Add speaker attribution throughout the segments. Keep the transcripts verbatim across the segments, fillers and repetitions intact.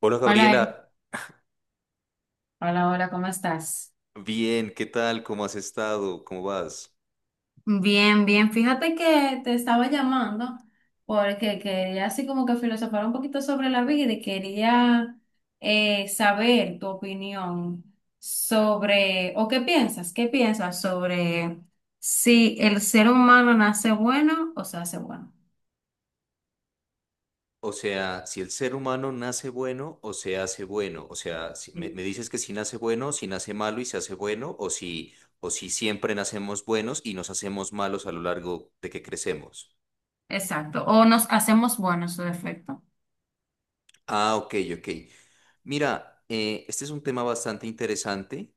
Speaker 1: Hola
Speaker 2: Hola, Eric.
Speaker 1: Gabriela,
Speaker 2: Hola, hola, ¿cómo estás?
Speaker 1: bien, ¿qué tal? ¿Cómo has estado? ¿Cómo vas?
Speaker 2: Bien, bien. Fíjate que te estaba llamando porque quería así como que filosofar un poquito sobre la vida y quería eh, saber tu opinión sobre, o qué piensas, qué piensas sobre si el ser humano nace bueno o se hace bueno.
Speaker 1: O sea, si el ser humano nace bueno o se hace bueno, o sea, si- me, me
Speaker 2: Sí.
Speaker 1: dices que si nace bueno, si nace malo y se hace bueno, o si, o si siempre nacemos buenos y nos hacemos malos a lo largo de que crecemos.
Speaker 2: Exacto, o nos hacemos buenos, su defecto.
Speaker 1: Ah, ok, ok. Mira, eh, este es un tema bastante interesante.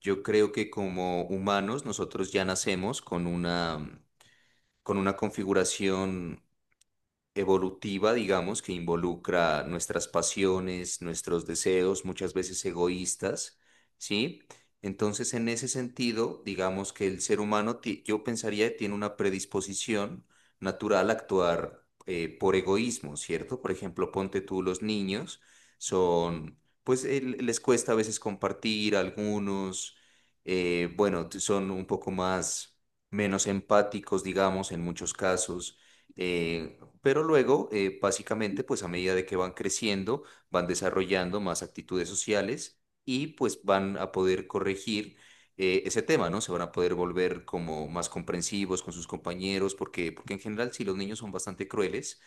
Speaker 1: Yo creo que como humanos nosotros ya nacemos con una, con una configuración evolutiva, digamos, que involucra nuestras pasiones, nuestros deseos, muchas veces egoístas, ¿sí? Entonces, en ese sentido, digamos que el ser humano, ti- yo pensaría, que tiene una predisposición natural a actuar eh, por egoísmo, ¿cierto? Por ejemplo, ponte tú, los niños son, pues el- les cuesta a veces compartir, algunos, eh, bueno, son un poco más, menos empáticos, digamos, en muchos casos. eh, pero luego, eh, básicamente, pues a medida de que van creciendo, van desarrollando más actitudes sociales y pues van a poder corregir eh, ese tema, ¿no? Se van a poder volver como más comprensivos con sus compañeros, porque, porque en general, si los niños son bastante crueles.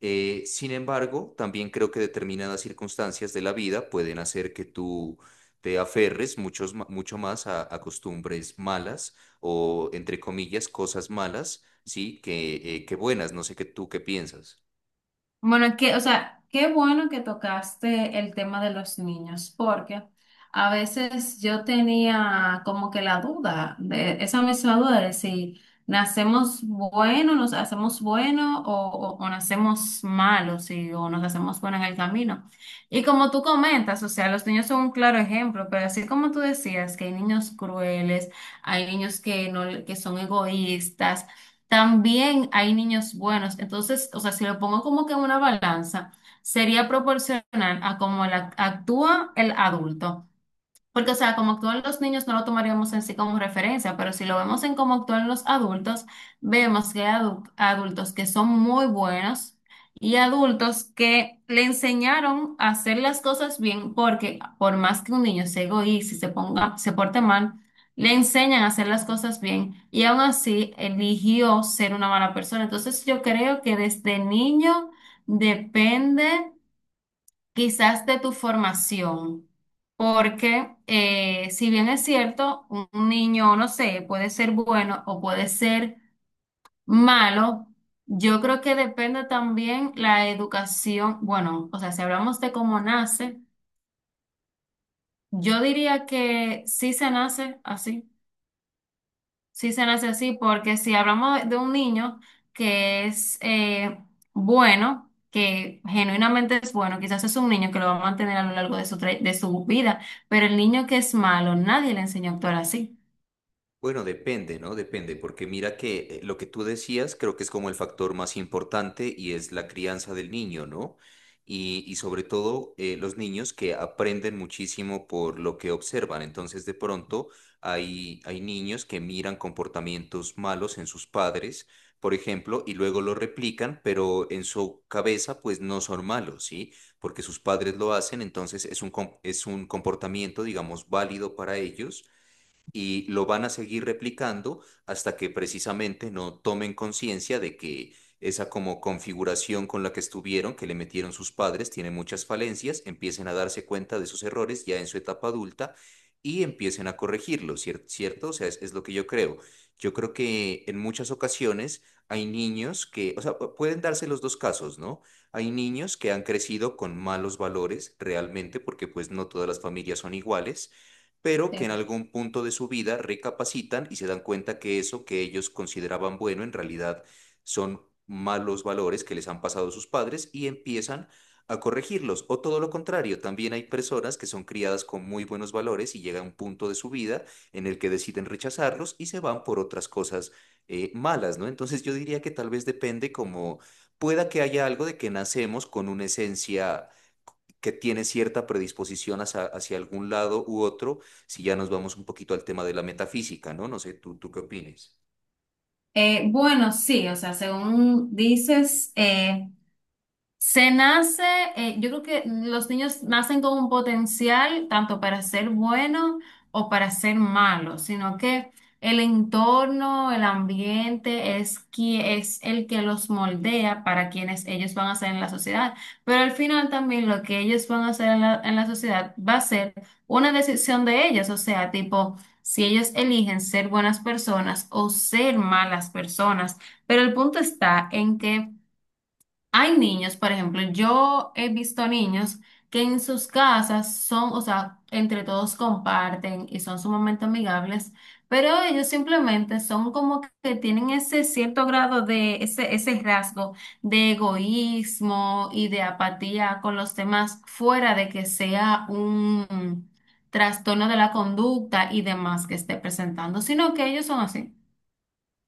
Speaker 1: eh, Sin embargo, también creo que determinadas circunstancias de la vida pueden hacer que tú te aferres muchos ma- mucho más a, a costumbres malas o, entre comillas, cosas malas, sí, que, eh, que buenas. No sé qué tú qué piensas.
Speaker 2: Bueno, es que, o sea, qué bueno que tocaste el tema de los niños, porque a veces yo tenía como que la duda, de, esa misma duda de si nacemos buenos, nos hacemos buenos o, o- o nacemos malos y, o nos hacemos buenos en el camino. Y como tú comentas, o sea, los niños son un claro ejemplo, pero así como tú decías que hay niños crueles, hay niños que, no, que son egoístas. También hay niños buenos. Entonces, o sea, si lo pongo como que en una balanza, sería proporcional a cómo la- actúa el adulto. Porque, o sea, como actúan los niños no lo tomaríamos en sí como referencia, pero si lo vemos en cómo actúan los adultos, vemos que hay adu- adultos que son muy buenos y adultos que le enseñaron a hacer las cosas bien, porque por más que un niño se egoíste y se ponga, se porte mal, le enseñan a hacer las cosas bien y aún así eligió ser una mala persona. Entonces, yo creo que desde niño depende quizás de tu formación, porque eh, si bien es cierto, un un niño, no sé, puede ser bueno o puede ser malo, yo creo que depende también la educación, bueno, o sea, si hablamos de cómo nace, yo diría que sí se nace así. Sí se nace así, porque si hablamos de de un niño que es eh, bueno, que genuinamente es bueno, quizás es un niño que lo va a mantener a lo largo de su, tra- de su vida, pero el niño que es malo, nadie le enseñó a actuar así.
Speaker 1: Bueno, depende, ¿no? Depende, porque mira que eh, lo que tú decías creo que es como el factor más importante y es la crianza del niño, ¿no? Y, y sobre todo eh, los niños que aprenden muchísimo por lo que observan. Entonces, de pronto hay, hay niños que miran comportamientos malos en sus padres, por ejemplo, y luego lo replican, pero en su cabeza pues no son malos, ¿sí? Porque sus padres lo hacen, entonces es un, com- es un comportamiento, digamos, válido para ellos y lo van a seguir replicando hasta que precisamente no tomen conciencia de que esa como configuración con la que estuvieron, que le metieron sus padres, tiene muchas falencias, empiecen a darse cuenta de sus errores ya en su etapa adulta y empiecen a corregirlo, ¿cier- ¿cierto? O sea, es, es lo que yo creo. Yo creo que en muchas ocasiones hay niños que, o sea, pu- pueden darse los dos casos, ¿no? Hay niños que han crecido con malos valores realmente porque pues no todas las familias son iguales, pero
Speaker 2: Sí.
Speaker 1: que en algún punto de su vida recapacitan y se dan cuenta que eso que ellos consideraban bueno en realidad son malos valores que les han pasado sus padres y empiezan a corregirlos. O todo lo contrario, también hay personas que son criadas con muy buenos valores y llega un punto de su vida en el que deciden rechazarlos y se van por otras cosas eh, malas, ¿no? Entonces yo diría que tal vez depende, como, pueda que haya algo de que nacemos con una esencia que tiene cierta predisposición hacia, hacia algún lado u otro, si ya nos vamos un poquito al tema de la metafísica, ¿no? No sé, ¿tú, tú qué opinas?
Speaker 2: Eh, bueno, sí, o sea, según dices, se nace, eh, yo creo que los niños nacen con un potencial tanto para ser bueno o para ser malo, sino que el entorno, el ambiente es, qui- es el que los moldea para quienes ellos van a ser en la sociedad. Pero al final también lo que ellos van a hacer en la, en la sociedad va a ser una decisión de ellos, o sea, tipo, si ellos eligen ser buenas personas o ser malas personas. Pero el punto está en que... Hay niños, por ejemplo, yo he visto niños que en sus casas son, o sea, entre todos comparten y son sumamente amigables, pero ellos simplemente son como que tienen ese cierto grado de, ese, ese rasgo de egoísmo y de apatía con los demás, fuera de que sea un trastorno de la conducta y demás que esté presentando, sino que ellos son así.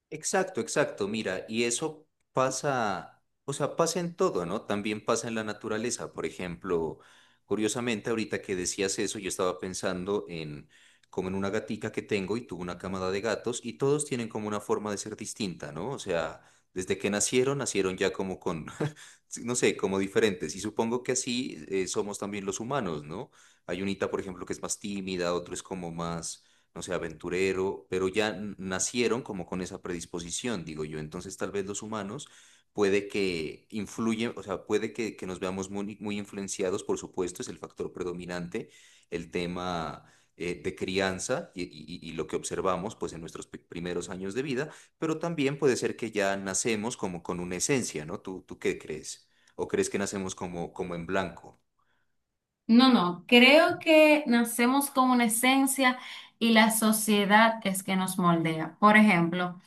Speaker 1: Exacto, exacto, mira, y eso pasa, o sea, pasa en todo, ¿no? También pasa en la naturaleza. Por ejemplo, curiosamente, ahorita que decías eso, yo estaba pensando en como en una gatica que tengo y tuvo una camada de gatos y todos tienen como una forma de ser distinta, ¿no? O sea, desde que nacieron, nacieron ya como con, no sé, como diferentes. Y supongo que así eh, somos también los humanos, ¿no? Hay unita, por ejemplo, que es más tímida, otro es como más, no sé, aventurero, pero ya n- nacieron como con esa predisposición, digo yo. Entonces, tal vez los humanos puede que influyen, o sea, puede que, que nos veamos muy, muy influenciados, por supuesto, es el factor predominante, el tema eh, de crianza y, y- y lo que observamos, pues, en nuestros pri- primeros años de vida, pero también puede ser que ya nacemos como con una esencia, ¿no? ¿Tú, tú qué crees? ¿O crees que nacemos como, como en blanco?
Speaker 2: No, no, creo que nacemos con una esencia y la sociedad es que nos moldea. Por ejemplo,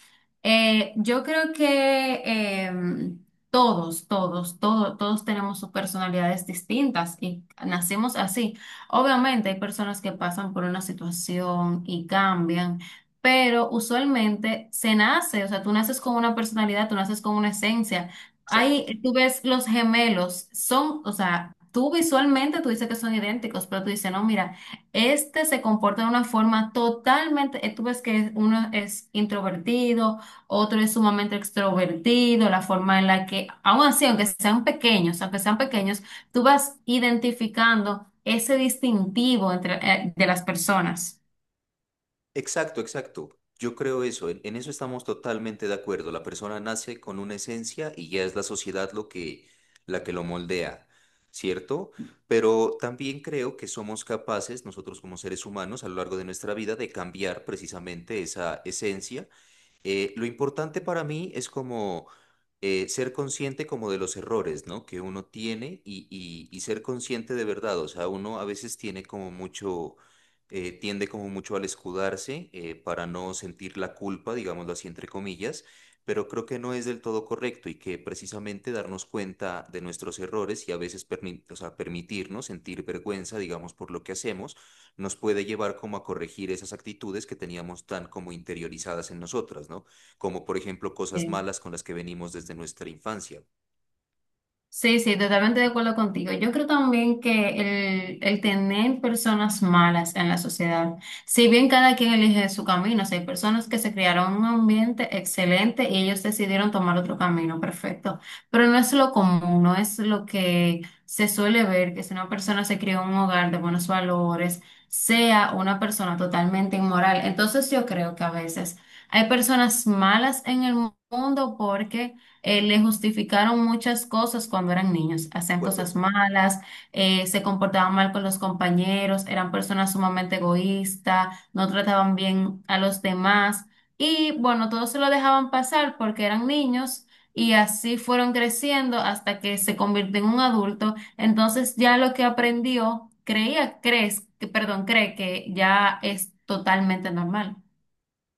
Speaker 2: eh, yo creo que em, todos, todos, todos, todos tenemos sus personalidades distintas y nacemos así. Obviamente hay personas que pasan por una situación y cambian, pero usualmente se nace, o sea, tú naces con una personalidad, tú naces con una esencia.
Speaker 1: Exacto.
Speaker 2: Ahí tú ves los gemelos, son, o sea, tú visualmente tú dices que son idénticos, pero tú dices, no, mira, este se comporta de una forma totalmente, eh, tú ves que uno es introvertido, otro es sumamente extrovertido, la forma en la que, aún así, aunque sean pequeños, aunque sean pequeños, tú vas identificando ese distintivo entre, eh, de las personas.
Speaker 1: Exacto, exacto. Yo creo eso, en, en eso estamos totalmente de acuerdo. La persona nace con una esencia y ya es la sociedad lo que, la que lo moldea, ¿cierto? Pero también creo que somos capaces, nosotros como seres humanos, a lo largo de nuestra vida, de cambiar precisamente esa esencia. Eh, lo importante para mí es como eh, ser consciente como de los errores, ¿no? Que uno tiene y, y- y ser consciente de verdad. O sea, uno a veces tiene como mucho, eh, tiende como mucho al escudarse eh, para no sentir la culpa, digámoslo así, entre comillas, pero creo que no es del todo correcto y que precisamente darnos cuenta de nuestros errores y a veces permi- o sea, permitirnos sentir vergüenza, digamos, por lo que hacemos nos puede llevar como a corregir esas actitudes que teníamos tan como interiorizadas en nosotras, ¿no? Como por ejemplo cosas malas con las que venimos desde nuestra infancia. ¿De
Speaker 2: Sí, sí, totalmente de acuerdo contigo. Yo creo también que el, el tener personas malas en la sociedad, si bien cada quien elige su camino, o sea, hay personas que se criaron en un ambiente excelente y ellos decidieron tomar otro camino, perfecto, pero no es lo común, no es lo que se suele ver, que si una persona se crió en un hogar de buenos valores, sea una persona totalmente inmoral. Entonces yo creo que a veces hay personas malas en el mundo porque eh, le justificaron muchas cosas cuando eran niños. Hacían cosas
Speaker 1: acuerdo?
Speaker 2: malas, eh, se comportaban mal con los compañeros, eran personas sumamente egoístas, no trataban bien a los demás. Y bueno, todos se lo dejaban pasar porque eran niños y así fueron creciendo hasta que se convirtió en un adulto. Entonces ya lo que aprendió, creía, crees, que- perdón, cree que ya es totalmente normal.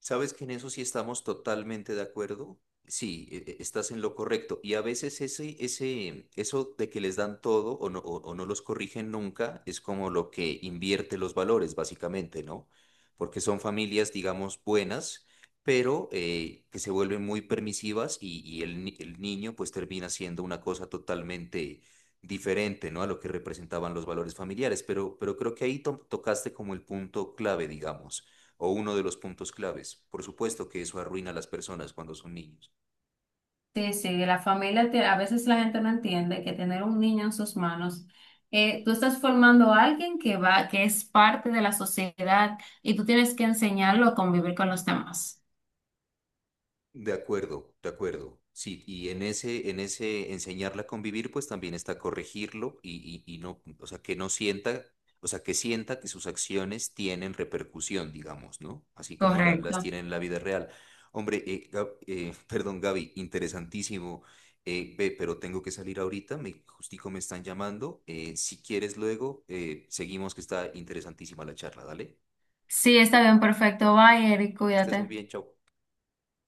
Speaker 1: Sabes que en eso sí estamos totalmente de acuerdo. Sí, e- e- estás en lo correcto. Y a veces ese, ese, eso de que les dan todo o no, o, o no los corrigen nunca, es como lo que invierte los valores, básicamente, ¿no? Porque son familias, digamos, buenas, pero eh, que se vuelven muy permisivas y, y el, ni- el niño pues termina siendo una cosa totalmente diferente, ¿no? A lo que representaban los valores familiares. Pero, pero creo que ahí to- tocaste como el punto clave, digamos, o uno de los puntos claves. Por supuesto que eso arruina a las personas cuando son niños.
Speaker 2: Sí, sí, la familia, te- a veces la gente no entiende que tener un niño en sus manos, eh, tú estás formando a alguien que va, que es parte de la sociedad y tú tienes que enseñarlo a convivir con los demás.
Speaker 1: De acuerdo, de acuerdo. Sí, y en ese, en ese enseñarla a convivir, pues también está corregirlo y, y, y no, o sea, que no sienta, o sea, que sienta que sus acciones tienen repercusión, digamos, ¿no? Así como la- las
Speaker 2: Correcto.
Speaker 1: tiene en la vida real. Hombre, eh, Gab- eh, perdón, Gaby, interesantísimo. Eh, ve, pero tengo que salir ahorita, me, justico me están llamando. Eh, si quieres luego, eh, seguimos, que está interesantísima la charla, dale.
Speaker 2: Sí, está bien, perfecto. Bye, Eric,
Speaker 1: Que estés muy
Speaker 2: cuídate.
Speaker 1: bien, chau.